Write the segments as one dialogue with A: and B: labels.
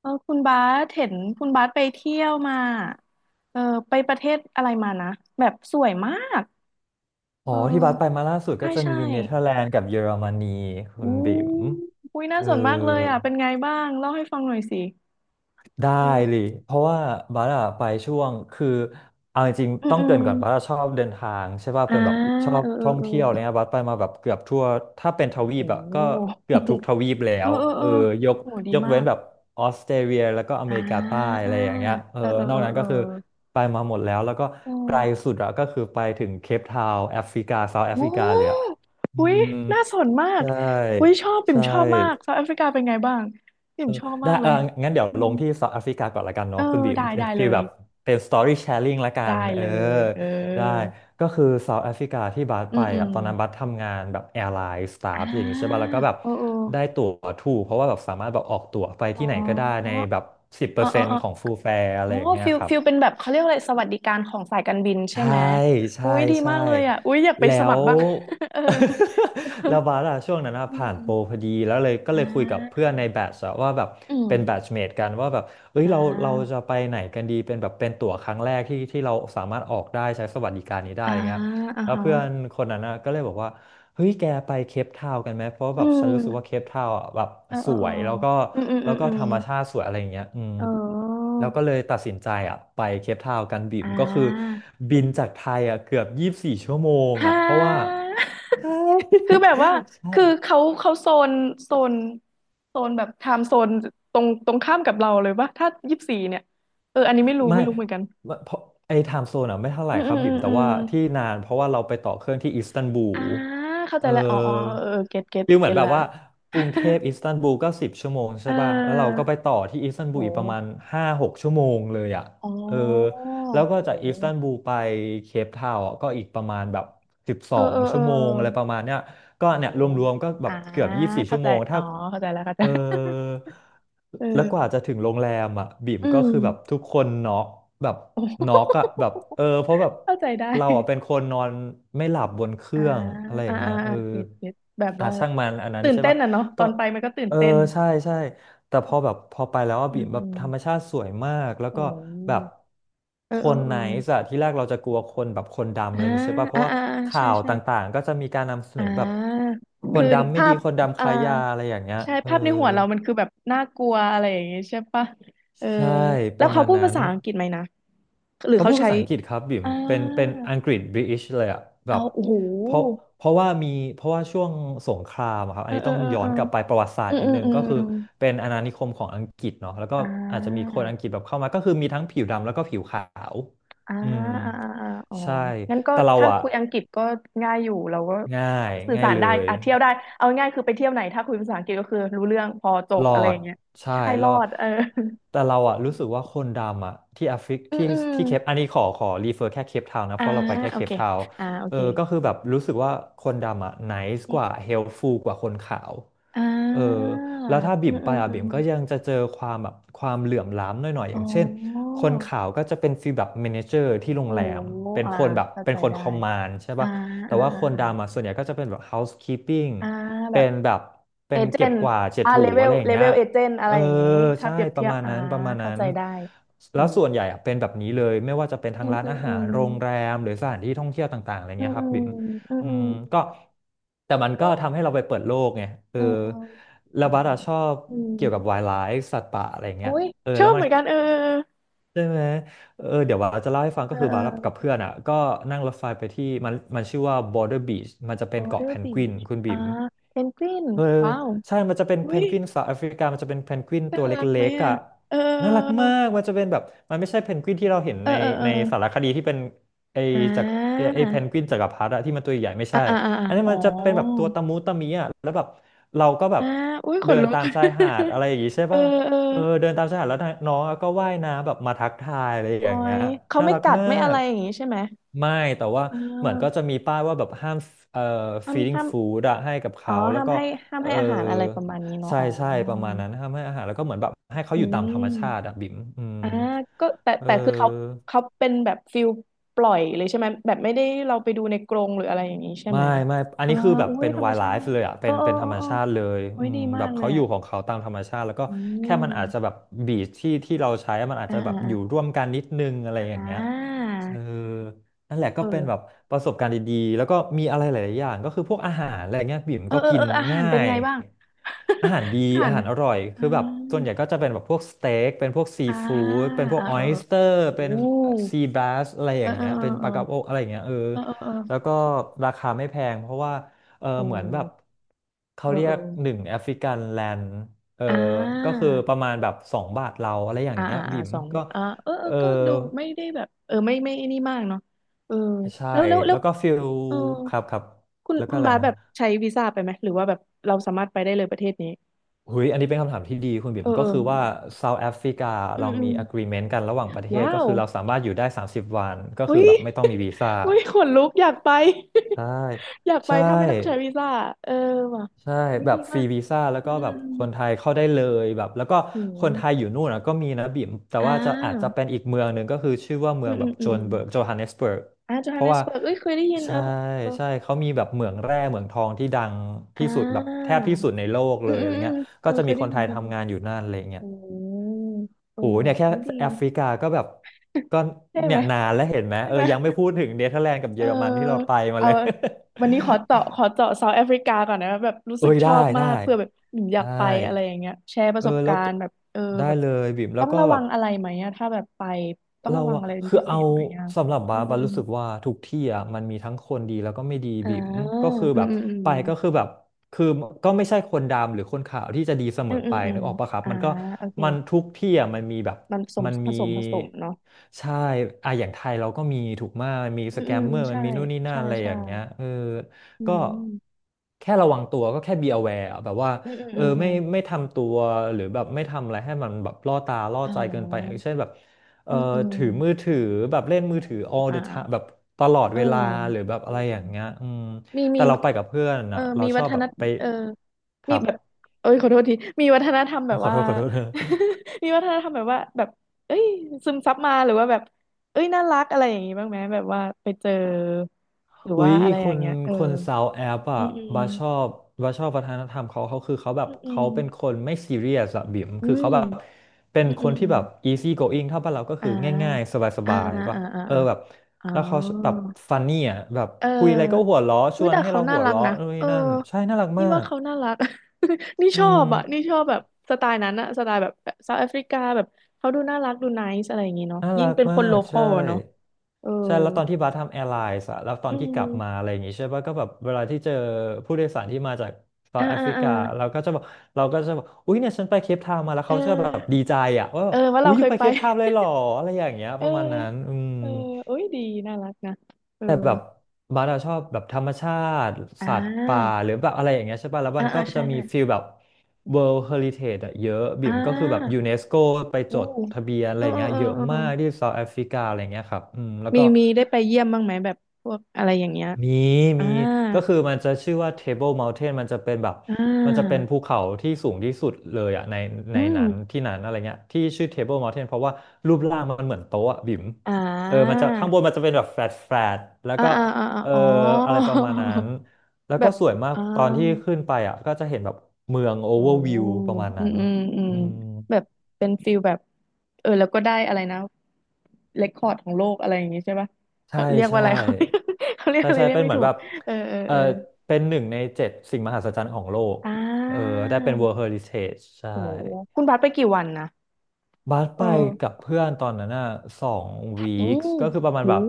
A: เออคุณบาสเห็นคุณบาสไปเที่ยวมาเออไปประเทศอะไรมานะแบบสวยมาก
B: อ๋
A: เอ
B: อที่บัสไป
A: อ
B: มาล่าสุดก็
A: ใช่
B: จะ
A: ใช่
B: มีเนเธอร์แลนด์กับเยอรมนีคุณ
A: อู้
B: บิ๋ม
A: อุ้ยน่า
B: เออ
A: สนมากเลยอ่ะเป็นไงบ้างเล่าให้ฟังหน่อยสิ
B: ได้
A: เ
B: เลย
A: ออ
B: เพราะว่าบัสอะไปช่วงคือเอาจริง
A: อื
B: ๆ
A: ม
B: ต้อง
A: อื
B: เก
A: ม
B: ริ่นก่อนบัสอะชอบเดินทางใช่ป่ะ
A: อ่า
B: เป็นแบบชอบ
A: เออเออ
B: ท่อง
A: เออ
B: เที่ยวอะไรเนี่ยบัสไปมาแบบเกือบทั่วถ้าเป็นทวีป
A: โอ้
B: อะก็เกือบทุกทวีปแล้
A: เออ
B: ว
A: เออ
B: เอ
A: เอ
B: อ
A: อ
B: ยก
A: โหดี
B: ยก
A: มา
B: เว้น
A: ก
B: แบบออสเตรเลียแล้วก็อ
A: อ่
B: เมริกาใต้
A: า
B: อะไรอย่างเงี้ยเออ
A: เออเออ
B: นอ
A: เอ
B: ก
A: อ
B: นั้น
A: เออ
B: ก็คือไปมาหมดแล้วแล้วก็
A: เ
B: ไกล
A: ออ
B: สุดอะก็คือไปถึงเคปทาวน์แอฟริกาเซาท์แอฟ
A: โอ้
B: ริกาเลยอะอื
A: อุ้ย
B: ม
A: น่าสนมาก
B: ใช่
A: อุ้ยชอบปิ่ม
B: ใช่
A: ชอบมากเซาท์แอฟริกาเป็นไงบ้างปิ่มชอบ
B: ได้
A: มากเล
B: เออ
A: ย
B: งั้นเดี๋ยว
A: อื
B: ล
A: ม
B: งที่เซาท์แอฟริกาก่อนละกัน
A: เออ
B: เนาะคุณบีม
A: ได้
B: เป็น
A: ได้เล
B: ฟีล
A: ย
B: แบบเป็นสตอรี่แชร์ i ิ g งละกั
A: ได้
B: นเออ
A: เลยเอ
B: ได้
A: อ
B: ก็คือเซาท์แอฟริกาที่บัส
A: อื
B: ไป
A: มอื
B: อ่ะ
A: ม
B: ตอนนั้นบัสทำงานแบบแอร์ไลน์สตา
A: อ่
B: ฟอย่างนี้ใช่
A: า
B: ป่ะแล้วก็แบบ
A: โอ้โอ
B: ได้
A: อ
B: ตั๋วถูกเพราะว่าแบบสามารถแบบออกตั๋วไป
A: อ๋
B: ที่ไหนก็ได้ใน
A: อ
B: แบบสิบเปอ
A: อ๋อ
B: ร์
A: อ๋
B: เซ็
A: อ
B: น
A: อ๋
B: ต์
A: อ
B: ของฟูลแฟร์อะไร
A: อ๋อ
B: อย่างเงี้ย
A: ฟิล
B: ครับ
A: ฟิลเป็นแบบเขาเรียกอะไรสวัสดิการของสายการบินใช่
B: ใช่
A: ไหม
B: ใช่
A: อุ้ยดี
B: ใช่
A: มากเลยอ่ะอุ้ยอยากไป
B: แล้
A: สมัค
B: ว
A: รบ้าง เออ
B: แล้วบาร์อะช่วงนั้นอะ
A: อื
B: ผ่านโปร
A: ม
B: พอดีแล้วเลยก็
A: อ่
B: เลยคุยกับ
A: า
B: เพื่อนในแบทชอะว่าแบบ
A: อืม
B: เป็นแบทชเมทกันว่าแบบเอ้
A: อ่
B: ยเรา
A: า
B: จะไปไหนกันดีเป็นแบบเป็นตั๋วครั้งแรกที่เราสามารถออกได้ใช้สวัสดิการนี้ได้
A: อ่า
B: อะไรเงี้ย
A: อ่า
B: แล้ว
A: ฮะ
B: เพื่อนคนนั้นอะก็เลยบอกว่าเฮ้ยแกไปเคปทาวน์กันไหมเพราะว่า
A: อื
B: แบบฉันรู้สึกว่า
A: ม
B: เคปทาวน์อะแบบ
A: เออ
B: ส
A: เออเอ
B: ว
A: อ
B: ยแล้วก็
A: อืมอืมอื
B: แล้ว
A: ม
B: ก็
A: อื
B: ธ
A: ม
B: รรมชาติสวยอะไรอย่างเงี้ยอืม
A: เออ
B: แล้วก็เลยตัดสินใจอ่ะไปเคปทาวน์กันบิ
A: อ่
B: มก็คือ
A: า
B: บินจากไทยอ่ะเกือบยี่สิบสี่ชั่วโมง
A: ฮ่
B: อ่ะเพราะว่า
A: า คือแบบว่า
B: ใช่
A: คือเขาโซนโซนโซนแบบไทม์โซนตรงข้ามกับเราเลยว่าถ้ายี่สิบสี่เนี่ยเอออันนี้ไม่รู้
B: ไม่
A: ไม่รู้เหมือนกัน
B: ไม่เพราะไอ้ไทม์โซนอ่ะไม่เท่าไหร่
A: อืม
B: ค
A: อื
B: รับ
A: มอื
B: บิ่ม
A: ม
B: แต่
A: อืม
B: ว่าที่นานเพราะว่าเราไปต่อเครื่องที่อิสตันบู
A: อ่า
B: ล
A: เข้า
B: เอ
A: ใจ
B: อ
A: แล้วอ๋ออ๋อเออเก็ตเก็ต
B: ฟิลเหมื
A: เก็
B: อน
A: ต
B: แบบ
A: ละ
B: ว่ากรุงเทพอิส ตันบูลก็10 ชั่วโมง
A: เ
B: ใช่ป่ะแล้วเรา
A: ออ
B: ก็ไปต่อที่อิสตัน
A: โอ
B: บูลอีกประมาณ
A: ้
B: 5-6 ชั่วโมงเลยอ่ะ
A: อ๋อ
B: เออแล้วก็
A: โอ
B: จากอิสตันบู
A: ้
B: ลไปเคปทาวน์อะก็อีกประมาณแบบสิบส
A: เอ
B: อ
A: อ
B: ง
A: เออเอ
B: ชั่
A: อ
B: วโมงอะไรประมาณเนี้ย ก็
A: โอ้
B: เนี่ยรวมๆก็แบ
A: อ่า
B: บเกือบยี่สิบสี่
A: เข้า
B: ชั่ว
A: ใจ
B: โมง
A: อ๋
B: ถ้า
A: อเข้าใจแล้วเข้าใจ
B: เออ
A: เ
B: แล้วกว่า
A: ออ
B: จะถึงโรงแรมอ่ะบิ่ม
A: อื
B: ก็
A: ม
B: คือแบบทุกคนน็อกแบบน็อกอ่ะแบบ เออเพราะแบบ
A: เข้าใจได้
B: เราอ่ะเป็นคนนอนไม่หลับบนเค
A: อ่า
B: รื่องอะไรอ
A: อ่า
B: ย่างเงี้
A: อ่า
B: ยเออ
A: เก็ตแบบ
B: อ่ะ
A: ว่า
B: ช่างมันอันนั้น
A: ตื่น
B: ใช่
A: เต้น
B: ป่ะ
A: อ่ะเนาะตอ
B: ก็
A: นไปมันก็ตื่น
B: เออ
A: เต้น
B: ใช่ใช่แต่พอแบบพอไปแล้วอะ
A: อื
B: บิ่
A: ม
B: ม
A: อื
B: แบบ
A: ม
B: ธรรมชาติสวยมากแล้วก็
A: โอ้
B: แบบ
A: เอ
B: ค
A: อเออ
B: น
A: เอ
B: ไห
A: อ
B: นอะที่แรกเราจะกลัวคนแบบคนดำอะ
A: อ่า
B: ไรอย่างงี้ใช่ป่ะเพ
A: อ่า
B: ราะว่า
A: อ่าอ่า
B: ข่า
A: ใช่
B: ว
A: ใช่
B: ต่างๆก็จะมีการนำเส
A: อ่
B: นอแบบ
A: า
B: ค
A: คื
B: น
A: อ
B: ดำไม่
A: ภา
B: ดี
A: พ
B: คนดำ
A: อ่า
B: ค้ายาอะไรอย่างเงี้ย
A: ใช่
B: เออ
A: ภาพในหัวเรามันคือแบบน่ากลัวอะไรอย่างงี้ใช่ปะเออ
B: ใช่ป
A: แล้ว
B: ระ
A: เขา
B: มาณ
A: พูด
B: นั้
A: ภา
B: น
A: ษาอังกฤษไหมนะหรือ
B: เขา
A: เขา
B: พูด
A: ใช้
B: ภาษาอังกฤษครับบิ่ม
A: อ่
B: เป็น
A: า
B: อังกฤษบริ i ิชเลยอะแบ
A: เอา
B: บ
A: โอ้โห
B: เพราะเพราะว่ามีเพราะว่าช่วงสงครามอะครับอั
A: เอ
B: น
A: อ
B: นี้
A: เออ
B: ต้อง
A: เออ
B: ย้อ
A: เออ
B: นกลับไปประวัติศาส
A: อื
B: ตร์
A: ม
B: นิด
A: อืม
B: นึงก็คือ
A: อืม
B: เป็นอาณานิคมของอังกฤษเนาะแล้วก็
A: อ่
B: อาจจะมีคนอังกฤษ
A: า
B: แบบเข้ามาก็คือมีทั้งผิวดำแล้วก็ผิวขาว
A: อ่า
B: อืม
A: อ่าอ่าอาอ๋อ
B: ใช่
A: งั้นก็
B: แต่เรา
A: ถ้า
B: อะ
A: คุยอังกฤษก็ง่ายอยู่เราก็
B: ง่าย
A: สื่อ
B: ง่าย
A: สาร
B: เล
A: ได้
B: ย
A: อ่ะเที่ยวได้เอาง่ายคือไปเที่ยวไหนถ้าคุยภาษาอังกฤษก็คือรู้เรื่องพอจ
B: ห
A: บ
B: ลอ
A: อะไรอ
B: ด
A: ย่างเงี้ย
B: ใช่
A: ใช่
B: ห
A: ร
B: ล
A: อ
B: อด
A: ดเออ
B: แต่เราอะรู้สึกว่าคนดำอะที่แอฟริก
A: อืม
B: ที่
A: อืม
B: ที่เคปอันนี้ขอรีเฟอร์แค่เคปทาวน์นะ
A: อ่า
B: เพราะเราไปแค่
A: โอ
B: เค
A: เค
B: ปทาวน์
A: อ่าโอ
B: เออ
A: เค
B: ก็คือแบบรู้สึกว่าคนดำอะไนซ์
A: นี่
B: กว่าเฮลฟูลกว่าคนขาว
A: อ่
B: เออ
A: า
B: แล้วถ้า
A: อื
B: บิ่
A: ม
B: มไป
A: อืม
B: อะ
A: อื
B: บิ่ม
A: ม
B: ก็ยังจะเจอความแบบความเหลื่อมล้ำหน่อยๆอ
A: อ๋
B: ย่างเช่น
A: อ
B: คนขาวก็จะเป็นฟีลแบบเมเนเจอร์ที่โรง
A: โอ้
B: แรมเป็น
A: อ่า
B: คนแบบ
A: เข้า
B: เป็
A: ใจ
B: นคน
A: ได้
B: คอมมานด์ใช่
A: อ่า
B: ป่ะ แต่
A: อ่า
B: ว่า
A: อ่
B: คน
A: า
B: ดำอะส่วนใหญ่ก็จะเป็นแบบ housekeeping
A: อ่าแบ
B: เป็
A: บ
B: นแบบ
A: เอ
B: เป็น
A: เจ
B: เก็บ
A: นต์
B: กวาดเช็ด
A: อ่า
B: ถู
A: เลเว
B: อะ
A: ล
B: ไรอย่าง
A: เล
B: เงี้
A: เว
B: ย
A: ลเอเจนต์อะ
B: เอ
A: ไร
B: อ
A: อย่างนี้ถ้า
B: ใช่
A: เปรียบ
B: ป
A: เที
B: ระ
A: ยบ
B: มาณ
A: อ่า
B: นั้นประมาณ
A: เข้า
B: นั้น
A: ใจได้อื
B: แล้ว
A: ม
B: ส่วนใหญ่อะเป็นแบบนี้เลยไม่ว่าจะเป็นทา
A: อื
B: ง
A: ม
B: ร้าน
A: อืม
B: อา
A: อื
B: หาร
A: ม
B: โรงแรมหรือสถานที่ท่องเที่ยวต่างๆอะไร
A: อื
B: เงี้
A: ม
B: ยค
A: อื
B: รับ
A: ม
B: บิ่ม
A: อืม
B: อื
A: อื
B: ม
A: ม
B: ก็แต่มัน
A: ก็
B: ก็ทำให้เราไปเปิดโลกไงเอ
A: เอ
B: อ
A: อ
B: แล้วบัสอะชอบ
A: อื
B: เกี่ยวกับ
A: ม
B: wildlife สัตว์ป่าอะไร
A: โอ้
B: เงี้ย
A: ย
B: เออ
A: ชอ
B: แล้
A: บ
B: ว
A: เห
B: มั
A: มื
B: น
A: อนกันเออ
B: ใช่ไหม เออเดี๋ยวบาสจะเล่าให้ฟัง
A: เอ
B: ก็
A: อ
B: คือ
A: เออ
B: บาสกับเพื่อนอ่ะก็นั่งรถไฟไปที่มันชื่อว่า Border Beach มันจะเป็นเกาะเพ
A: Border
B: นกวิน
A: Beach
B: คุณ
A: อ่า
B: บิ๋ม
A: เพนกวิน
B: เออ
A: ว้าว
B: ใช่มันจะเป็นเพ
A: อุ้
B: น
A: ย
B: กวินเซาท์แอฟริกามันจะเป็นเพนกวินตั
A: น่า
B: วเล
A: รักไหม
B: ็กๆ
A: อ่ะ
B: อ่ะ
A: เอ
B: น่ารัก
A: อ
B: มากมันจะเป็นแบบมันไม่ใช่เพนกวินที่เราเห็น
A: เออ
B: ใน
A: เออเออ
B: ในสารคดีที่เป็นไอ
A: อ่
B: จาก
A: า
B: ไอเพนกวินจักรพรรดิอะที่มันตัวใหญ่ไม่
A: อ่า
B: ใช่
A: อ่าอ่าอา
B: อันนี้
A: อ๋อ
B: มันจะเป็นแบบตัวตะมูตะมีอ่ะแล้วแบบเราก็แบ
A: อ่า
B: บ
A: อุ้ยข
B: เดิ
A: น
B: น
A: ลุก
B: ตามชายหาด อะไรอย่างงี้ใช่
A: เออ
B: ป่ะ
A: เออ
B: เออเดินตามชายหาดแล้วน้องก็ว่ายน้ำแบบมาทักทายอะไรอ
A: โอ้
B: ย่างเงี้ย
A: ยเขา
B: น่า
A: ไม่
B: รัก
A: กัด
B: มา
A: ไม่อะไร
B: ก
A: อย่างงี้ใช่ไหม
B: ไม่แต่ว่า
A: อ่
B: เหมือนก็จะ
A: า
B: มีป้ายว่าแบบห้ามเอ่อ
A: ห้าม
B: feeding
A: ห้าม
B: food อะให้กับ
A: อ๋อ
B: เขาแล้
A: ห้า
B: ว
A: ม
B: ก็
A: ให้ห้าม
B: เออ
A: ให้อาหารอะไรประมาณนี้เนาะ
B: ใช่
A: อ๋อ
B: ใช่ประมาณนั้นห้ามให้อาหารแล้วก็เหมือนแบบให้เขา
A: อื
B: อยู่ตามธรรมชาติ
A: ม
B: อะบิ๋มอืม
A: อ่าก็แต่
B: เออ
A: แต่คือเขาเขาเป็นแบบฟิลปล่อยเลยใช่ไหม แบบไม่ได้เราไปดูในกรงหรืออะไรอย่างนี้ใช่ไห
B: ไม่
A: ม
B: ไม่อัน
A: อ่า
B: นี้คือแบบ
A: อุ้ย
B: เป็น
A: ธรรมชาติ
B: wildlife
A: มาก
B: เลยอ่ะ
A: เอ
B: เป็
A: อ
B: น
A: เออ
B: เป็นธ
A: เอ
B: ร
A: อ
B: รม
A: เออ
B: ชาติเลย
A: โอ้
B: อื
A: ย
B: ม
A: ดี
B: แบ
A: มา
B: บ
A: กเล
B: เขา
A: ย
B: อ
A: อ่ะ
B: ยู่ของเขาตามธรรมชาติแล้วก็
A: อื
B: แค่มันอาจจะแบ
A: ม
B: บบีชที่เราใช้มันอาจ
A: อ่า
B: จะแบ
A: อ่า
B: บอยู่ร่วมกันนิดนึงอะไรอ
A: อ่าอ
B: ย่างเงี้ย
A: ่า
B: เออนั่นแหละก็เป็นแบบ
A: เออ
B: ประสบการณ์ดีๆแล้วก็มีอะไรหลายๆอย่างก็คือพวกอาหารอะไรเงี้ยบิ่ม
A: เออ
B: ก็
A: เออ
B: กิ
A: เอ
B: น
A: ออาหา
B: ง่า
A: รเป็น
B: ย
A: ไงบ้าง
B: อาหาร ดี
A: อาหา
B: อา
A: ร
B: หารอร่อย
A: อ่
B: คือแบบส่วนให
A: า
B: ญ่ก็จะเป็นแบบพวกสเต็กเป็นพวกซี
A: อ่า
B: ฟู้ดเป็นพวก
A: อ่า
B: ออ
A: เออ
B: ย
A: เออ
B: สเตอร์
A: โอ้
B: เป็นซีบาสอะไรอ
A: เออ
B: ย่าง
A: เออ
B: เงี้ย
A: เออ
B: เป็น
A: เอ
B: ป
A: อ
B: ลากระพงอะไรอย่างเงี้ยเออ
A: เออเออเออ
B: แล้วก็ราคาไม่แพงเพราะว่าเออ
A: โอ้
B: เหมือนแบบเขา
A: เออ
B: เรี
A: เอ
B: ย
A: อ
B: กหนึ่งแอฟริกันแลนด์เออ
A: อ่
B: ก็
A: า
B: คือประมาณแบบสองบาทเราอะไรอย่าง
A: อ่า
B: เงี้ย
A: อ่าอ่า
B: บิ่ม
A: สอง
B: ก็
A: อ่าเออเออ
B: เออ
A: ก็ดูไม่ได้แบบเออไม่ไม่ไอ้นี่มากเนาะเออ
B: ใช่
A: แล้วแล้วแล้
B: แล้
A: ว
B: วก็ฟิล
A: เออ
B: ครับครับ
A: คุณ
B: แล้วก็
A: คุณ
B: อะไร
A: บาสแบบ
B: นะ
A: ใช้วีซ่าไปไหมหรือว่าแบบเราสามารถไปได้เลยประเทศนี้
B: หุยอันนี้เป็นคำถามที่ดีคุณบิ่
A: เอ
B: ม
A: อ
B: ก็
A: เออ
B: คือว่าเซาท์แอฟริกา
A: อื
B: เรา
A: มอื
B: มี
A: ม
B: agreement กันระหว่างประเทศ
A: ว้า
B: ก็
A: ว
B: คือเราสามารถอยู่ได้30วันก็
A: เฮ้
B: คือ
A: ย
B: แบบไม่ต้อ งมีวีซ่า
A: เฮ้ยขนลุกอยากไป
B: ใช่
A: อยากไป
B: ใช่
A: ถ้าไม่ต้องใช้วีซ่าเออว่ะ
B: ใช่
A: เฮ้ย
B: แบ
A: ดี
B: บฟ
A: มา
B: รี
A: ก
B: วีซ่าแล้ว
A: อื
B: ก็
A: มอื
B: แบบ
A: ม
B: คนไทยเข้าได้เลยแบบแล้วก็
A: อืม
B: คนไทย
A: โห
B: อยู่นู่นนะก็มีนะบิ่มแต่
A: อ่
B: ว่าจะอาจจะ
A: า
B: เป็นอีกเมืองหนึ่งก็คือชื่อว่าเมื
A: อื
B: อ
A: ม
B: ง
A: อื
B: แบบ
A: มอื
B: โจ
A: ม
B: นเบิร์กโจฮันเนสเบิร์ก
A: อ่าโจ
B: เพ
A: ฮันเน
B: ราะ
A: ส
B: ว่า
A: เบิร์กเอ้ยเคยได้ยินเอ
B: ใช่
A: อเออ
B: ใช่เขามีแบบเหมืองแร่เหมืองทองที่ดัง
A: อ่
B: ที่สุดแบบแท
A: า
B: บที่สุดในโลก
A: อื
B: เล
A: ม
B: ย
A: อื
B: อะ
A: ม
B: ไร
A: อืม
B: เงี้ย
A: เอ
B: ก็
A: อ
B: จะ
A: เค
B: มี
A: ย
B: ค
A: ได้
B: น
A: ยิ
B: ไท
A: น
B: ยทำงานอยู่นั่นอะไรเงี้ย
A: อืมเออ
B: โอ้โหเนี่ย
A: ว่ะ
B: แค่
A: อุ๊ยดี
B: แอฟริกาก็แบบ ก็
A: ใช่ไห
B: เนี่
A: ม
B: ยนานแล้วเห็นไหม
A: ใช่
B: เออ
A: ไหม
B: ยังไม่พูดถึงเนเธอร์แลนด์กับ
A: เอ
B: เยอ
A: อ
B: รมันที่เราไปมา
A: เอา
B: เลย
A: วันนี้ขอเจาะเซาท์แอฟริกาก่อนนะแบบ รู้
B: เอ้
A: สึก
B: ย
A: ช
B: ได้
A: อบมา
B: ได้
A: กเพื่อแบบหนูอยาก
B: ได้
A: ไปอะไรอย่างเงี้ยแชร์ประ
B: เอ
A: ส
B: อ
A: บ
B: แล้
A: กา
B: ว
A: ร
B: ก็
A: ณ์แบบเออ
B: ได้
A: แบบ
B: เลยบิ่มแล้
A: ต้อ
B: ว
A: ง
B: ก็
A: ระ
B: แบ
A: วั
B: บ
A: งอะไรไหมอะถ้าแบบไปต้อง
B: เรา
A: ระวัง
B: อะ
A: อะไรเป็น
B: คือ
A: พิเศ
B: เอา
A: ษไหมอะ
B: สำหรับ
A: อื
B: บาส
A: มอื
B: บาส
A: ม
B: รู้สึกว่าทุกที่อะมันมีทั้งคนดีแล้วก็ไม่ดี
A: อ่า
B: บิ่มก็คือ
A: อื
B: แบ
A: ม
B: บ
A: อืมอืม
B: ไปก็คือแบบคือก็ไม่ใช่คนดำหรือคนขาวที่จะดีเส
A: อื
B: มอ
A: มอื
B: ไป
A: มอืม
B: นึกออกปะครับ
A: อ่า
B: มันก็
A: โอเค
B: มันทุกที่อะมันมีแบบ
A: มันผสม
B: มัน
A: ผ
B: มี
A: สมผสมเนาะ
B: ใช่อะอย่างไทยเราก็มีถูกมากมันมี
A: อื
B: ส
A: ม
B: แก
A: อื
B: ม
A: ม
B: เมอร์มั
A: ใช่
B: นมีนู่นนี่นั่น
A: ใช่
B: อะไรอ
A: ใช่
B: ย่างเงี้ยเออ
A: อื
B: ก็
A: ม
B: แค่ระวังตัวก็แค่ be aware อะแบบว่า
A: อืมอืม
B: เอ
A: อื
B: อ
A: มอื
B: ไม่
A: ม
B: ไม่ทำตัวหรือแบบไม่ทำอะไรให้มันแบบล่อตาล่อ
A: อ๋อ
B: ใจเกินไปอย่างเช่นแบบ เอ่อ
A: อืมอืม
B: ถือมือถือแบบเล่นมือถือ all the time
A: อ่า
B: แบบตลอด
A: เอ
B: เว
A: อ
B: ลาหรือแบบ
A: อื
B: อะไรอย่างเงี้ย
A: ม
B: อืม
A: มีมี
B: แต่เราไปกับเพื่อน
A: เออ
B: อ่ะเรา
A: มี
B: ช
A: วั
B: อบ
A: ฒ
B: แบ
A: น
B: บ
A: ธรร
B: ไป
A: มเออ
B: ค
A: มี
B: รับ
A: แบบเอ้ยขอโทษทีมีวัฒนธรรมแบบ
B: ขอ
A: ว่า
B: โทษขอโทษ
A: มีวัฒนธรรมแบบว่าแบบเอ้ยซึมซับมาหรือว่าแบบเอ้ยน่ารักอะไรอย่างงี้บ้างไหมแบบว่าไปเจอหรือ
B: อุ๊
A: ว่า
B: ย
A: อะไร
B: ค
A: อย่าง
B: น
A: เงี้ยเออ
B: คนซาวแอป
A: อื
B: อ่ะ
A: มอืม
B: บาชอบบาชอบวัฒนธรรมเขาเขาคือเขาแบบ
A: อืมอื
B: เขา
A: ม
B: เป็นคนไม่ซีเรียสอะบิ่มคือเขาแบบเป็น
A: อืม
B: ค
A: อื
B: น
A: มอืม
B: ที่
A: อืม
B: แบบ easy going ถ้าบ้านเราก็
A: อ่า
B: คือง่ายๆส
A: อ่า
B: บายๆป่ะ
A: อ่าอ่า
B: เออ
A: อา
B: แบบ
A: อ๋อ
B: แล้วเขาแบบฟันนีอ่ะแบบ
A: เอ
B: คุยอะไรก็หั
A: อ
B: วเราะช
A: เวิ
B: วน
A: แต่
B: ให้
A: เขา
B: เรา
A: น่า
B: หัว
A: รัก
B: เราะ
A: นะ
B: นู่น
A: เอ
B: นี่
A: อ
B: นั่นใช่น่ารัก
A: นี่
B: มา
A: ว่า
B: ก
A: เขาน่ารัก นี่
B: อื
A: ชอบ
B: ม
A: อ่ะนี่ชอบแบบสไตล์นั้นอะสไตล์แบบเซาท์แอฟริกาแบบเขาดูน่ารักดูไนซ์อะไรอย่างงี้เนาะ
B: น่า
A: ยิ่
B: รั
A: ง
B: ก
A: เป็น
B: มา
A: คนโล
B: ก
A: คอ
B: ใช่
A: ลเนาะเออ
B: ใช่แล้วตอนที่บัสทำแอร์ไลน์อะแล้วตอ
A: อื
B: นที่กลับมา
A: ม
B: อะไรอย่างงี้ใช่ป่ะก็แบบเวลาที่เจอผู้โดยสารที่มาจากเซา
A: อ่า
B: ท์แอ
A: อ่า
B: ฟริ
A: อ่า
B: กาเราก็จะบอกเราก็จะบอกอุ้ยเนี่ยฉันไปเคปทาวน์มาแล้ว
A: เอ
B: เขาจะแบบดี
A: อ
B: ใจอ่ะว่าแบ
A: เออ
B: บ
A: ว่า
B: อุ้
A: เรา
B: ยอ
A: เค
B: ยู่
A: ย
B: ไป
A: ไป
B: เคปทาวน์เลยเหรออะไรอย่า งเงี้ย
A: เอ
B: ป
A: อ
B: ระมาณนั้นอืม
A: เออโอ้ยดีน่ารักนะเออ
B: แต่แบบบัสอาชอบแบบธรรมชาติ
A: อ่
B: สัตว์ป่า
A: า
B: หรือแบบอะไรอย่างเงี้ยใช่ป่ะ แล้ว
A: อ่า
B: มันก็
A: อ่าใช่
B: จะมี
A: ใช่
B: ฟีลแบบ World Heritage อะเยอะ
A: อ่
B: บิ่มก็คือแบบยู
A: า
B: เนสโกไปจ
A: อู้
B: ดทะเบียนอะ
A: เอ
B: ไร
A: อ
B: อย่างเงี้ย
A: เออ
B: เยอะ
A: เออเอ
B: มากที่
A: อ
B: เซาท์แอฟริกาอะไรอย่างเงี้ยครับอืมแล้ว
A: มี
B: ก็
A: มีได้ไปเยี่ยมบ้างไหมแบบพวกอะไรอย่างเงี้ย
B: มี
A: อ่า
B: มีก็คือมันจะชื่อว่า Table Mountain มันจะเป็นแบบ
A: อ่
B: มันจะเป็
A: า
B: นภูเขาที่สูงที่สุดเลยอะใน
A: อื
B: ใน
A: ม
B: นั้นที่นั้นอะไรเงี้ยที่ชื่อ Table Mountain เพราะว่ารูปร่างมันเหมือนโต๊ะอะบิ่ม
A: อ่
B: เออมัน
A: า
B: จะข้างบนมันจะเป็นแบบแฟลตแฟลตแล้ว
A: อ่า
B: ก็
A: อ่าอ่า
B: เออ
A: อ๋อ
B: อะไรประมาณนั้นแล้ ว
A: แบ
B: ก็
A: บ
B: สวยมาก
A: อ่า
B: ตอนที่ขึ้นไปอะก็จะเห็นแบบเมืองโอ
A: โอ้
B: เวอร์วิวประมาณ
A: อื
B: นั้
A: ม
B: น
A: อืมอืม
B: อืม
A: แบบเป็นฟิลแบบเออแล้วก็ได้อะไรนะเรคคอร์ดของโลกอะไรอย่างงี้ใช่ปะ
B: ใช่
A: เรียกว่า
B: ใช่
A: อะไร เขาเรียก
B: ใช่
A: เขาเรี
B: ใช่
A: ยกอะไรเรียก
B: เป็น
A: ไม่
B: เหมือ
A: ถู
B: นแบ
A: ก
B: บ
A: เออเออ
B: เออ
A: เออ
B: เป็นหนึ่งในเจ็ดสิ่งมหัศจรรย์ของโลก
A: อ่
B: เออ
A: า
B: ได้เป็น World Heritage ใช่
A: โหคุณบัสไปกี่วันนะ
B: บาส
A: เอ
B: ไปกับ
A: อ
B: เพื่อนตอนนั้นน่ะสองวี
A: อื
B: ค
A: ม
B: ก็คือประ
A: โห
B: มาณแบบ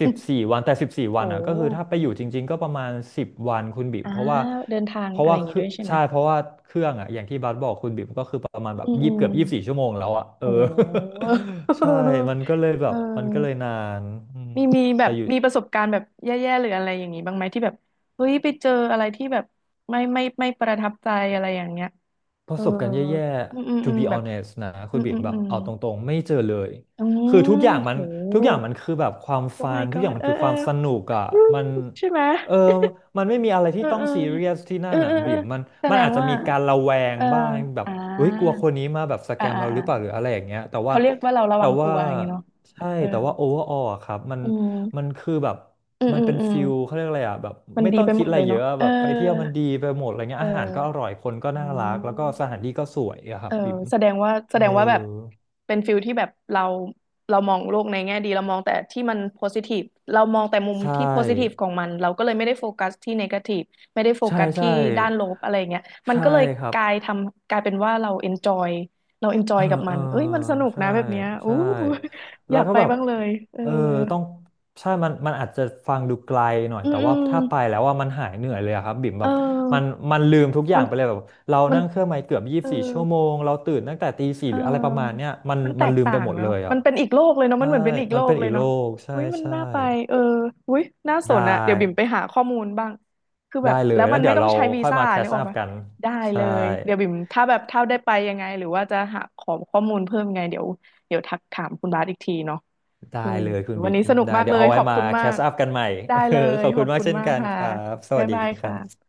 B: สิบสี่วันแต่สิบสี่
A: โ
B: วันอ่ะก็คือ
A: ห
B: ถ้าไปอยู่จริงๆก็ประมาณ10 วันคุณบิ่ม
A: อ่า
B: เพราะว่า
A: เดินทาง
B: เพราะ
A: อะไร
B: ว่า
A: อย่างงี้
B: คือ
A: ด้วยใช่ไหม
B: ใช่เพราะว่าเครื่องอ่ะอย่างที่บาสบอกคุณบิ่มก็คือประมาณแบ
A: อื
B: บ
A: มอื
B: ยี่สิบ
A: ม
B: เกือบยี่สิบสี่ชั่วโมงแล้วอ่ะเออ
A: โอ้
B: ใช่ มันก็เลยแบ
A: เอ
B: บมันก็เลย
A: อ
B: นานอืม
A: มีแบ
B: แต่
A: บ
B: อยู่
A: มีประสบการณ์แบบแย่ๆหรืออะไรอย่างนี้บ้างไหมที่แบบเฮ้ยไปเจออะไรที่แบบไม่ประทับใจอะไรอย่างเงี้ย
B: ประ
A: เออ
B: สบการณ์แย่
A: อืมอืม
B: ๆ to
A: อืม
B: be
A: แบบ
B: honest นะ
A: อื
B: คุณ
A: ม
B: บ๊
A: อื
B: ม
A: ม
B: แบ
A: อื
B: บ
A: ม
B: เอาตรงๆไม่เจอเลย
A: อื
B: คือ
A: มโห
B: ทุกอย่างมันคือแบบความ
A: โอ้
B: ฟั
A: my
B: นทุกอย่า
A: god
B: งมั
A: เอ
B: น
A: อ
B: คือ
A: เอ
B: ค
A: อ
B: วามสนุกอ่ะ
A: อืม
B: มัน
A: ใช่ไหม
B: เออมันไม่มีอะไร
A: เอ
B: ที่
A: อ
B: ต้อ
A: เอ
B: ง
A: อ
B: ซีเรียสที่
A: เอ
B: นั่
A: อ
B: น
A: เอ
B: อ่ะ
A: อเอ
B: บี
A: อ
B: มมัน
A: แส
B: มั
A: ด
B: น
A: ง
B: อาจจะ
A: ว่า
B: มีการระแวง
A: เออ
B: บ้างแบบ
A: อ่า
B: เฮ้ยกลัวคนนี้มาแบบสแก
A: อ่า
B: ม
A: อ่า
B: เราห
A: อ่า
B: รือเปล่าหรืออะไรอย่างเงี้ยแต่ว่า
A: เขาเรียกว่าเราระ
B: แต่
A: วังตั
B: ว่า
A: วอย่างนี้เนาะ
B: ใช่
A: เออ
B: แต่ว่าโอเวอร์ออครับมัน
A: อื
B: มั
A: ม
B: นคือแบบ
A: อืม
B: มัน
A: อืม
B: เป็น
A: อืม
B: ฟิลเขาเรียกอะไรอ่ะแบบ
A: มัน
B: ไม่
A: ดี
B: ต้อง
A: ไป
B: คิ
A: หม
B: ด
A: ด
B: อะ
A: เล
B: ไร
A: ย
B: เย
A: เนาะ
B: อะ
A: เออ
B: แบบไปเที่ยวมันดีไปหมดอะไรเงี้
A: เอ
B: ยอาหารก็อ
A: อ
B: ร่อยคนก็
A: อ๋
B: น่า
A: อ
B: รักแล้วก็สถานที่ก็สวยอะครั
A: เอ
B: บ
A: อ
B: บิ่ม
A: แสดงว่าแสด
B: เออ
A: งว่าแบบเป็นฟิลที่แบบเรามองโลกในแง่ดีเรามองแต่ที่มันโพซิทีฟเรามองแต่มุม
B: ใช่
A: ที่โพซิทีฟของมันเราก็เลยไม่ได้โฟกัสที่เนกาทีฟไม่ได้โฟ
B: ใช่
A: กัส
B: ใช่
A: ที่ด้านลบอะไรเงี้ยมัน
B: ใช่
A: ก็เลย
B: ครั
A: ก
B: บ
A: ลายทำกลายเป็นว่าเราเอนจอยเราเอนจอ
B: เอ
A: ย
B: อ
A: กับ
B: เอ
A: มั
B: อ
A: นเอ้ยมันสนุก
B: ใช่
A: นะแบบเนี้ยอู้
B: ใช่
A: อ
B: แล้
A: ยา
B: ว
A: ก
B: ก็
A: ไป
B: แบบ
A: บ้างเลยเออ
B: เออต้องใช่มันอาจจะฟังดูไกลหน่อย
A: อืม
B: แต่
A: อื
B: ว่า
A: ม
B: ถ้าไปแล้วว่ามันหายเหนื่อยเลยอะครับบิ่ม
A: เ
B: แบบมัน
A: ออ
B: มันลืมทุกอ
A: มั
B: ย่าง
A: น
B: ไปเลยแบบเรา
A: มัน
B: นั่งเครื่องไ่เกือบยี่
A: เอ
B: สิ
A: อ
B: บสี่ชั่วโมงเราตื่นตั้งแต่ตีสี่
A: เ
B: หรืออะไรประมาณ
A: ออ
B: เนี้ย มัน
A: มันแต
B: มัน
A: ก
B: ลืม
A: ต่า
B: ไป
A: ง
B: หมดเล
A: เนาะ
B: ย
A: มั
B: อ่ะ
A: นเป็นอีกโลกเลยเนาะมั
B: ใช่
A: นเหมือนเป็นอีก
B: มั
A: โล
B: นเป็
A: ก
B: น
A: เล
B: อี
A: ย
B: กโล
A: เนาะ
B: กใช่
A: อุ้ยมัน
B: ใช่
A: น่าไปเอออุ้ยน่าส
B: ได้
A: นอะเดี๋ยวบิ่มไปหาข้อมูลบ้างคือแบ
B: ได้
A: บ
B: เล
A: แล้
B: ย
A: ว
B: แล้
A: มั
B: ว
A: น
B: เดี๋
A: ไม่
B: ยว
A: ต้อง
B: เรา
A: ใช้วี
B: ค่อย
A: ซ่า
B: มาแค
A: นึ
B: ช
A: กออ
B: อั
A: ก
B: พ
A: ปะ
B: กัน
A: ได้เล
B: ใช่
A: ยเดี๋ยวบิ่มถ้าแบบถ้าได้ไปยังไงหรือว่าจะหาขอข้อมูลเพิ่มยังไงเดี๋ยวทักถามคุณบาสอีกทีเนาะ
B: ได้
A: เออ
B: เลยคุณ
A: วัน
B: บิ๊ก
A: นี้สนุก
B: ได้
A: มาก
B: เดี๋
A: เล
B: ยว
A: ย
B: เอา
A: ข
B: ไว้
A: อบ
B: มา
A: คุณ
B: แค
A: มา
B: ส
A: ก
B: อัพกันใหม่
A: ได้เล ย
B: ขอบ
A: ข
B: คุ
A: อ
B: ณ
A: บ
B: มาก
A: คุณ
B: เช่น
A: มาก
B: กัน
A: ค่ะ
B: ครับสวั
A: บ๊าย
B: สดี
A: บาย
B: ครั
A: ค่ะ
B: บ